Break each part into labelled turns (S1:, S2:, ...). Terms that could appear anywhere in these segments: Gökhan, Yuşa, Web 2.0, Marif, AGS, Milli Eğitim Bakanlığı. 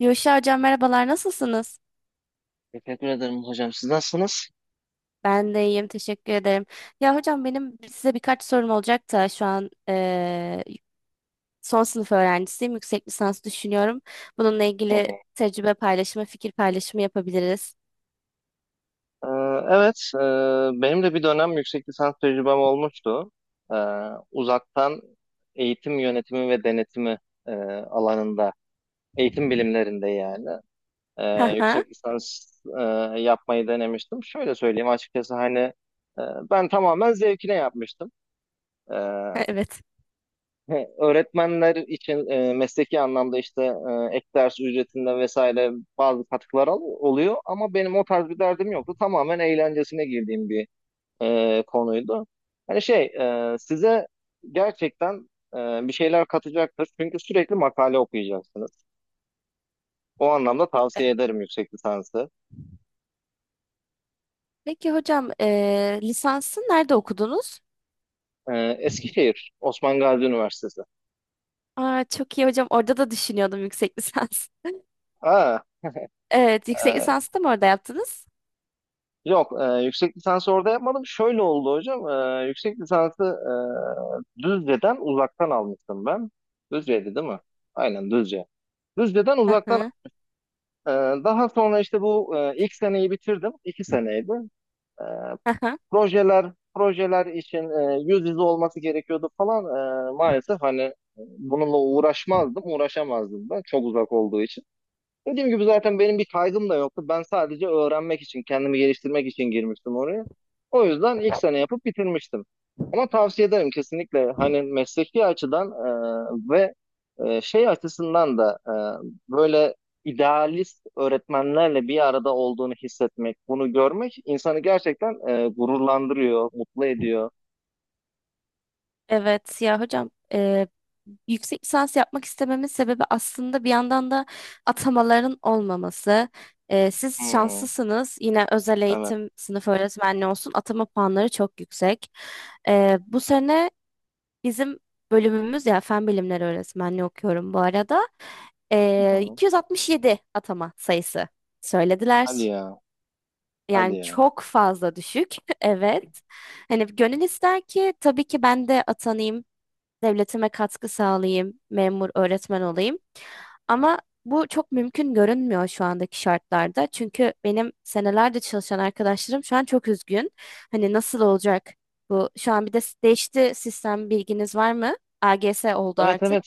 S1: Yuşa hocam, merhabalar, nasılsınız?
S2: Teşekkür ederim hocam. Siz nasılsınız?
S1: Ben de iyiyim, teşekkür ederim. Ya hocam, benim size birkaç sorum olacak da şu an son sınıf öğrencisiyim. Yüksek lisans düşünüyorum. Bununla
S2: Hı hı.
S1: ilgili tecrübe paylaşımı, fikir paylaşımı yapabiliriz.
S2: Ee, evet, benim de bir dönem yüksek lisans tecrübem olmuştu. Ee, Uzaktan eğitim yönetimi ve denetimi e, alanında, eğitim bilimlerinde yani. e,
S1: Haha,
S2: Yüksek lisans e, yapmayı denemiştim. Şöyle söyleyeyim açıkçası hani ben tamamen zevkine yapmıştım. Ee,
S1: evet.
S2: He, öğretmenler için mesleki anlamda işte ek ders ücretinde vesaire bazı katkılar oluyor ama benim o tarz bir derdim yoktu. Tamamen eğlencesine girdiğim bir konuydu. Hani şey size gerçekten bir şeyler katacaktır çünkü sürekli makale okuyacaksınız. O anlamda tavsiye ederim yüksek lisansı.
S1: Peki hocam, lisansı nerede okudunuz?
S2: Eskişehir, Osman Gazi Üniversitesi.
S1: Aa, çok iyi hocam, orada da düşünüyordum yüksek lisans.
S2: Aa.
S1: Evet, yüksek
S2: e,
S1: lisansı da mı orada yaptınız?
S2: Yok, yüksek lisansı orada yapmadım. Şöyle oldu hocam. Yüksek lisansı Düzce'den uzaktan almıştım ben. Düzce'ydi değil mi? Aynen Düzce. Düzce'den uzaktan
S1: Haha,
S2: e, daha sonra işte bu ilk seneyi bitirdim. 2 seneydi. E,
S1: haha.
S2: projeler için yüz yüze olması gerekiyordu falan. Maalesef hani bununla uğraşmazdım, uğraşamazdım ben. Çok uzak olduğu için. Dediğim gibi zaten benim bir kaygım da yoktu. Ben sadece öğrenmek için, kendimi geliştirmek için girmiştim oraya. O yüzden ilk sene yapıp bitirmiştim. Ama tavsiye ederim kesinlikle hani mesleki açıdan ve şey açısından da böyle idealist öğretmenlerle bir arada olduğunu hissetmek, bunu görmek insanı gerçekten gururlandırıyor, mutlu ediyor.
S1: Evet, ya hocam, yüksek lisans yapmak istememin sebebi aslında bir yandan da atamaların olmaması. Siz
S2: Hmm,
S1: şanslısınız. Yine özel
S2: evet.
S1: eğitim sınıf öğretmenliği olsun, atama puanları çok yüksek. Bu sene bizim bölümümüz, ya, fen bilimleri öğretmenliği okuyorum bu arada.
S2: Hı.
S1: 267 atama sayısı
S2: Hadi
S1: söylediler.
S2: ya, hadi
S1: Yani
S2: ya.
S1: çok fazla düşük. Evet. Hani gönül ister ki tabii ki ben de atanayım, devletime katkı sağlayayım, memur, öğretmen olayım. Ama bu çok mümkün görünmüyor şu andaki şartlarda. Çünkü benim senelerde çalışan arkadaşlarım şu an çok üzgün. Hani nasıl olacak bu? Şu an bir de değişti sistem, bilginiz var mı? AGS oldu
S2: Evet,
S1: artık.
S2: evet,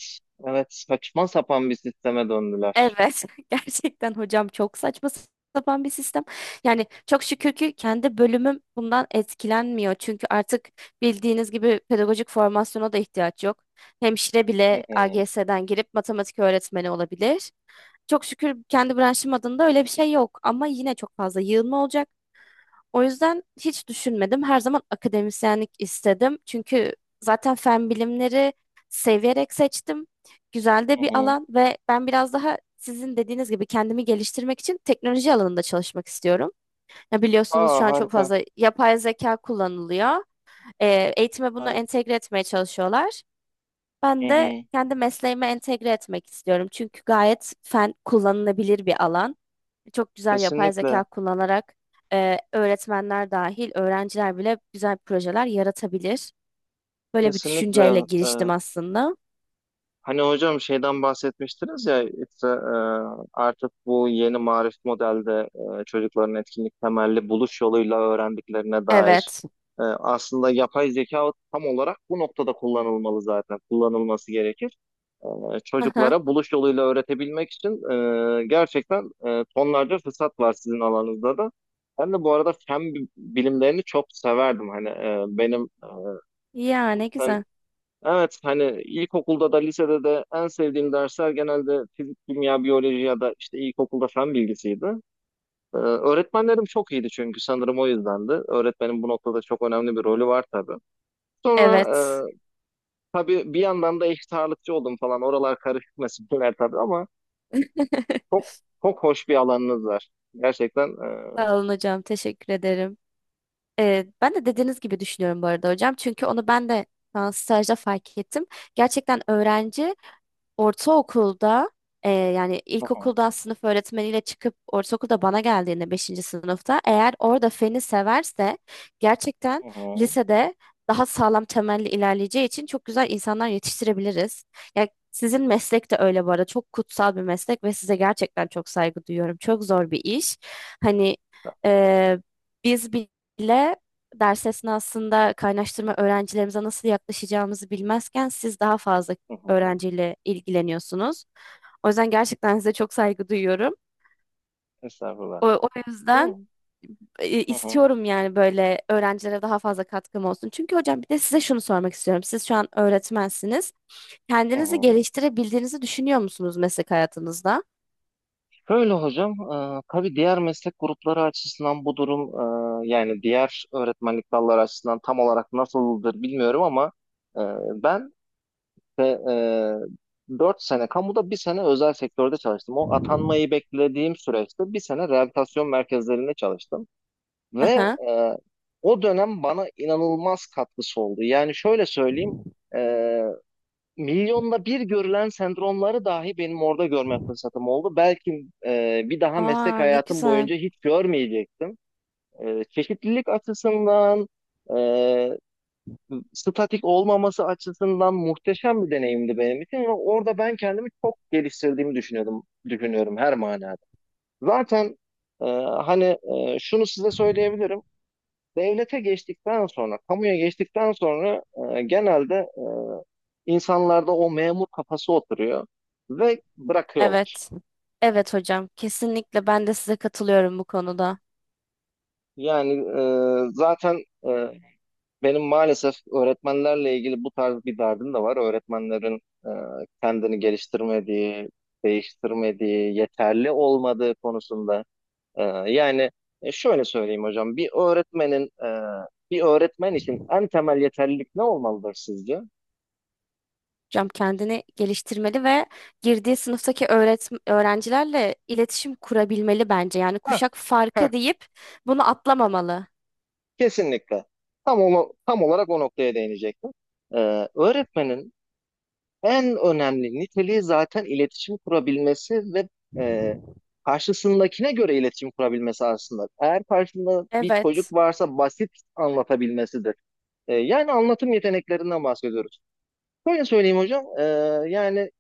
S2: evet, saçma sapan bir sisteme döndüler.
S1: Evet, gerçekten hocam çok saçma sapan bir sistem. Yani çok şükür ki kendi bölümüm bundan etkilenmiyor. Çünkü artık bildiğiniz gibi pedagojik formasyona da ihtiyaç yok. Hemşire
S2: Hı
S1: bile
S2: hı.
S1: AGS'den girip matematik öğretmeni olabilir. Çok şükür kendi branşım adında öyle bir şey yok. Ama yine çok fazla yığılma olacak. O yüzden hiç düşünmedim. Her zaman akademisyenlik istedim. Çünkü zaten fen bilimleri seviyerek seçtim. Güzel
S2: Hı
S1: de bir
S2: hı.
S1: alan ve ben biraz daha sizin dediğiniz gibi kendimi geliştirmek için teknoloji alanında çalışmak istiyorum. Ya biliyorsunuz
S2: Aa,
S1: şu an çok
S2: harika.
S1: fazla yapay zeka kullanılıyor. Eğitime bunu
S2: Harika.
S1: entegre etmeye çalışıyorlar.
S2: Hı
S1: Ben de
S2: hı.
S1: kendi mesleğime entegre etmek istiyorum. Çünkü gayet fen kullanılabilir bir alan. Çok güzel yapay
S2: Kesinlikle.
S1: zeka kullanarak öğretmenler dahil öğrenciler bile güzel projeler yaratabilir. Böyle bir
S2: Kesinlikle.
S1: düşünceyle giriştim aslında.
S2: Hani hocam şeyden bahsetmiştiniz ya işte, artık bu yeni marif modelde çocukların etkinlik temelli buluş yoluyla öğrendiklerine dair
S1: Evet.
S2: aslında yapay zeka tam olarak bu noktada kullanılmalı zaten kullanılması gerekir.
S1: Aha.
S2: Çocuklara buluş yoluyla öğretebilmek için gerçekten tonlarca fırsat var sizin alanınızda da. Ben de bu arada fen bilimlerini çok severdim. Hani e, benim
S1: Yani güzel.
S2: Evet, hani ilkokulda da lisede de en sevdiğim dersler genelde fizik, kimya, biyoloji ya da işte ilkokulda fen bilgisiydi. Öğretmenlerim çok iyiydi çünkü sanırım o yüzdendi. Öğretmenin bu noktada çok önemli bir rolü var tabii. Sonra
S1: Evet.
S2: e, tabii bir yandan da eşit ağırlıkçı oldum falan. Oralar karışık meseleler tabii ama çok çok hoş bir alanınız var. Gerçekten.
S1: Sağ olun hocam, teşekkür ederim. Ben de dediğiniz gibi düşünüyorum bu arada hocam. Çünkü onu ben de şu an stajda fark ettim. Gerçekten öğrenci ortaokulda, yani
S2: Hı hı,
S1: ilkokuldan sınıf öğretmeniyle çıkıp ortaokulda bana geldiğinde, beşinci sınıfta eğer orada feni severse
S2: hı
S1: gerçekten
S2: hı,
S1: lisede daha sağlam temelli ilerleyeceği için çok güzel insanlar yetiştirebiliriz. Yani sizin meslek de öyle bu arada, çok kutsal bir meslek ve size gerçekten çok saygı duyuyorum. Çok zor bir iş. Hani, e, biz bile ders esnasında kaynaştırma öğrencilerimize nasıl yaklaşacağımızı bilmezken siz daha fazla
S2: hı hı,
S1: öğrenciyle ilgileniyorsunuz. O yüzden gerçekten size çok saygı duyuyorum.
S2: estağfurullah.
S1: O yüzden
S2: Hı hı,
S1: istiyorum yani, böyle öğrencilere daha fazla katkım olsun. Çünkü hocam, bir de size şunu sormak istiyorum. Siz şu an öğretmensiniz.
S2: hı
S1: Kendinizi
S2: hı.
S1: geliştirebildiğinizi düşünüyor musunuz meslek hayatınızda?
S2: Şöyle hocam, tabii diğer meslek grupları açısından bu durum yani diğer öğretmenlik dalları açısından tam olarak nasıldır bilmiyorum ama e, ben de, 4 sene kamuda bir sene özel sektörde çalıştım. O atanmayı beklediğim süreçte bir sene rehabilitasyon merkezlerinde çalıştım ve
S1: Aha.
S2: o dönem bana inanılmaz katkısı oldu. Yani şöyle söyleyeyim, milyonda bir görülen sendromları dahi benim orada görme fırsatım oldu. Belki bir daha meslek
S1: Aa, ne
S2: hayatım
S1: güzel.
S2: boyunca hiç görmeyecektim. Çeşitlilik açısından, e, statik olmaması açısından muhteşem bir deneyimdi benim için. Ve orada ben kendimi çok geliştirdiğimi düşünüyordum, düşünüyorum her manada. Zaten e, hani şunu size söyleyebilirim. Devlete geçtikten sonra, kamuya geçtikten sonra genelde insanlarda o memur kafası oturuyor ve bırakıyorlar.
S1: Evet. Evet hocam. Kesinlikle ben de size katılıyorum bu konuda.
S2: Yani zaten benim maalesef öğretmenlerle ilgili bu tarz bir derdim de var. Öğretmenlerin e, kendini geliştirmediği, değiştirmediği, yeterli olmadığı konusunda. E, Yani şöyle söyleyeyim hocam, bir öğretmen için en temel yeterlilik ne olmalıdır sizce?
S1: Cam kendini geliştirmeli ve girdiği sınıftaki öğrencilerle iletişim kurabilmeli bence. Yani
S2: Heh,
S1: kuşak
S2: heh.
S1: farkı deyip bunu atlamamalı.
S2: Kesinlikle. Tam olarak o noktaya değinecektim. Öğretmenin en önemli niteliği zaten iletişim kurabilmesi ve e, karşısındakine göre iletişim kurabilmesi aslında. Eğer karşında bir çocuk
S1: Evet.
S2: varsa basit anlatabilmesidir. Yani anlatım yeteneklerinden bahsediyoruz. Şöyle söyleyeyim hocam, yani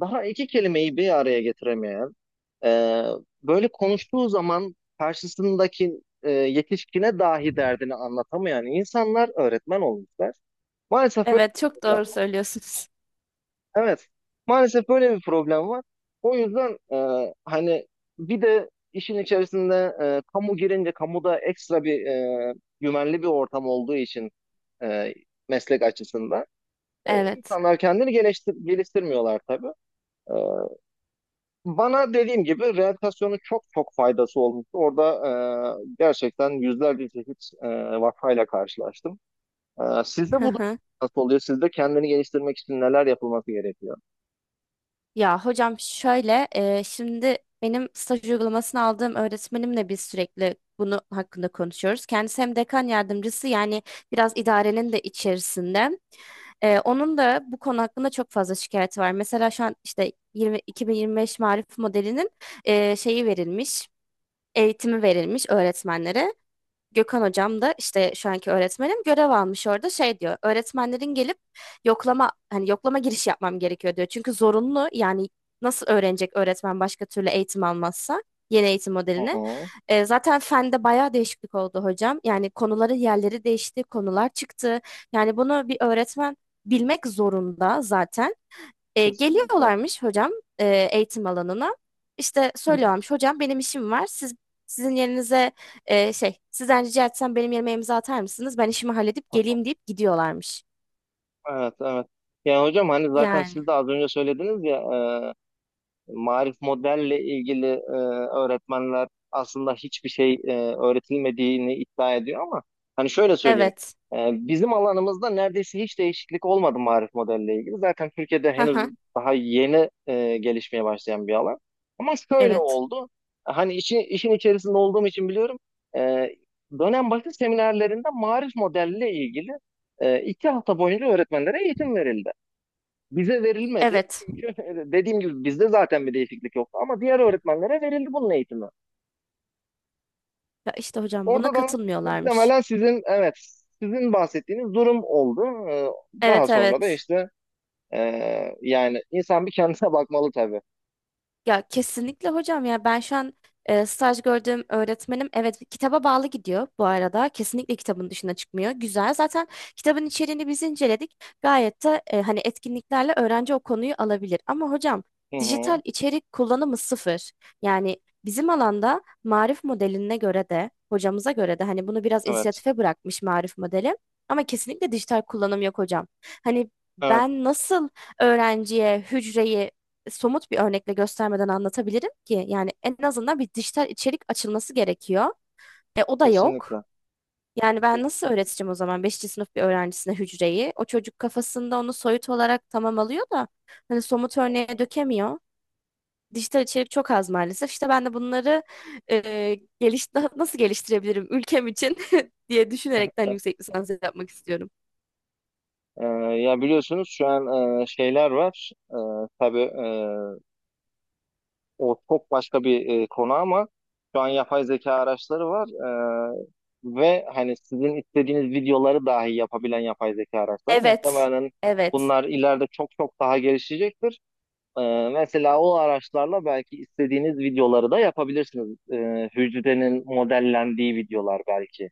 S2: daha iki kelimeyi bir araya getiremeyen, e, böyle konuştuğu zaman karşısındaki yetişkine dahi derdini anlatamayan insanlar öğretmen olmuşlar. Maalesef böyle
S1: Evet,
S2: bir
S1: çok
S2: problem.
S1: doğru söylüyorsunuz.
S2: Evet, maalesef böyle bir problem var. O yüzden hani bir de işin içerisinde kamu girince kamuda ekstra bir güvenli bir ortam olduğu için e, meslek açısından.
S1: Evet.
S2: İnsanlar kendini geliştirmiyorlar tabii. E, Bana dediğim gibi rehabilitasyonun çok çok faydası olmuştu. Orada gerçekten yüzlerce çeşit vakayla karşılaştım. Sizde bu da nasıl oluyor? Sizde kendini geliştirmek için neler yapılması gerekiyor?
S1: Ya hocam, şöyle, şimdi benim staj uygulamasını aldığım öğretmenimle biz sürekli bunu hakkında konuşuyoruz. Kendisi hem dekan yardımcısı, yani biraz idarenin de içerisinde. E, onun da bu konu hakkında çok fazla şikayeti var. Mesela şu an işte 2025 Marif modelinin şeyi verilmiş, eğitimi verilmiş öğretmenlere. Gökhan hocam da, işte şu anki öğretmenim, görev almış orada, şey diyor: öğretmenlerin gelip yoklama, hani yoklama giriş yapmam gerekiyor diyor. Çünkü zorunlu, yani nasıl öğrenecek öğretmen başka türlü eğitim almazsa yeni eğitim
S2: Hı
S1: modelini.
S2: hı.
S1: Zaten fende bayağı değişiklik oldu hocam. Yani konuları yerleri değişti, konular çıktı. Yani bunu bir öğretmen bilmek zorunda zaten.
S2: Kesinlikle.
S1: Geliyorlarmış hocam, e, eğitim alanına. İşte söylüyorlarmış hocam, benim işim var. Siz sizin yerinize sizden rica etsem benim yerime imza atar mısınız? Ben işimi halledip geleyim deyip gidiyorlarmış.
S2: Evet, evet. Yani hocam hani zaten
S1: Yani
S2: siz de az önce söylediniz ya, e, Marif modelle ilgili öğretmenler aslında hiçbir şey öğretilmediğini iddia ediyor ama hani şöyle söyleyeyim.
S1: evet.
S2: e, Bizim alanımızda neredeyse hiç değişiklik olmadı marif modelle ilgili. Zaten Türkiye'de
S1: Hı
S2: henüz
S1: hı.
S2: daha yeni gelişmeye başlayan bir alan. Ama şöyle
S1: Evet.
S2: oldu. Hani işin içerisinde olduğum için biliyorum. E, Dönem başı seminerlerinde marif modelle ilgili 2 hafta boyunca öğretmenlere eğitim verildi. Bize verilmedi.
S1: Evet.
S2: Çünkü dediğim gibi bizde zaten bir değişiklik yoktu. Ama diğer öğretmenlere verildi bunun eğitimi.
S1: Ya işte hocam buna
S2: Orada da
S1: katılmıyorlarmış.
S2: muhtemelen sizin, evet, sizin bahsettiğiniz durum oldu. Daha
S1: Evet,
S2: sonra da
S1: evet.
S2: işte yani insan bir kendine bakmalı tabii.
S1: Ya kesinlikle hocam, ya ben şu an staj gördüğüm öğretmenim, evet, kitaba bağlı gidiyor bu arada. Kesinlikle kitabın dışına çıkmıyor. Güzel. Zaten kitabın içeriğini biz inceledik. Gayet de, hani etkinliklerle öğrenci o konuyu alabilir. Ama hocam
S2: Hı hı.
S1: dijital içerik kullanımı sıfır. Yani bizim alanda marif modeline göre de, hocamıza göre de, hani bunu biraz
S2: Evet.
S1: inisiyatife bırakmış marif modeli. Ama kesinlikle dijital kullanım yok hocam. Hani
S2: Evet.
S1: ben nasıl öğrenciye hücreyi somut bir örnekle göstermeden anlatabilirim ki? Yani en azından bir dijital içerik açılması gerekiyor. E, o da yok.
S2: Kesinlikle.
S1: Yani ben
S2: Kesin.
S1: nasıl öğreteceğim o zaman beşinci sınıf bir öğrencisine hücreyi? O çocuk kafasında onu soyut olarak tamam alıyor da hani somut örneğe dökemiyor, dijital içerik çok az maalesef. İşte ben de bunları e, geliş nasıl geliştirebilirim ülkem için diye düşünerekten yüksek lisans yapmak istiyorum.
S2: Ee, Ya biliyorsunuz şu an şeyler var. Tabii, o çok başka bir konu ama şu an yapay zeka araçları var, e, ve hani sizin istediğiniz videoları dahi yapabilen yapay zeka araçları
S1: Evet,
S2: muhtemelen
S1: evet.
S2: bunlar ileride çok çok daha gelişecektir. E, Mesela o araçlarla belki istediğiniz videoları da yapabilirsiniz. Hücrenin modellendiği videolar belki.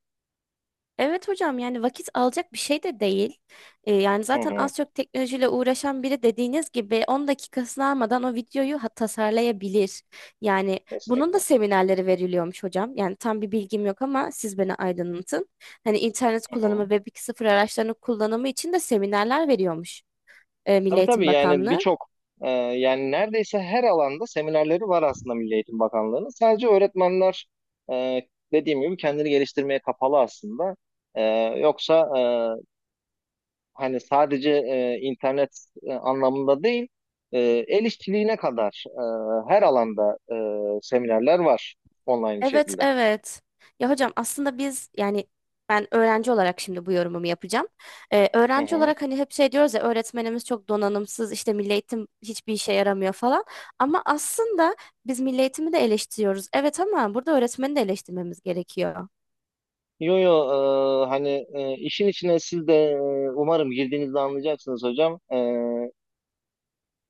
S1: Evet hocam, yani vakit alacak bir şey de değil. Yani
S2: Hı
S1: zaten
S2: hı,
S1: az çok teknolojiyle uğraşan biri, dediğiniz gibi, 10 dakikasını almadan o videoyu tasarlayabilir. Yani bunun da
S2: kesinlikle.
S1: seminerleri veriliyormuş hocam. Yani tam bir bilgim yok, ama siz beni aydınlatın. Hani internet
S2: Hı
S1: kullanımı,
S2: hı.
S1: Web 2.0 araçlarının kullanımı için de seminerler veriyormuş Milli
S2: Tabii
S1: Eğitim
S2: tabii, yani
S1: Bakanlığı.
S2: birçok yani neredeyse her alanda seminerleri var aslında Milli Eğitim Bakanlığı'nın. Sadece öğretmenler e, dediğim gibi kendini geliştirmeye kapalı aslında. E, Yoksa hani sadece internet anlamında değil e, el işçiliğine kadar her alanda seminerler var online bir
S1: Evet,
S2: şekilde.
S1: evet. Ya hocam, aslında biz, yani ben öğrenci olarak şimdi bu yorumumu yapacağım.
S2: Hı
S1: Öğrenci
S2: hı.
S1: olarak hani hep şey diyoruz ya: öğretmenimiz çok donanımsız, işte milli eğitim hiçbir işe yaramıyor falan. Ama aslında biz milli eğitimi de eleştiriyoruz, evet, ama burada öğretmeni de eleştirmemiz gerekiyor.
S2: Yo yo, hani işin içine siz de umarım girdiğinizde anlayacaksınız hocam.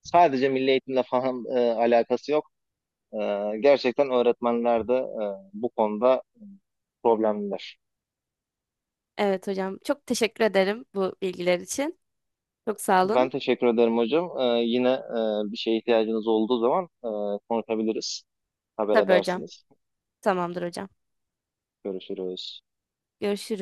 S2: Sadece milli eğitimle falan alakası yok. E, Gerçekten öğretmenler de bu konuda problemliler.
S1: Evet hocam, çok teşekkür ederim bu bilgiler için. Çok sağ
S2: Ben
S1: olun.
S2: teşekkür ederim hocam. Yine bir şeye ihtiyacınız olduğu zaman konuşabiliriz. Haber
S1: Tabii hocam.
S2: edersiniz.
S1: Tamamdır hocam.
S2: Görüşürüz.
S1: Görüşürüz.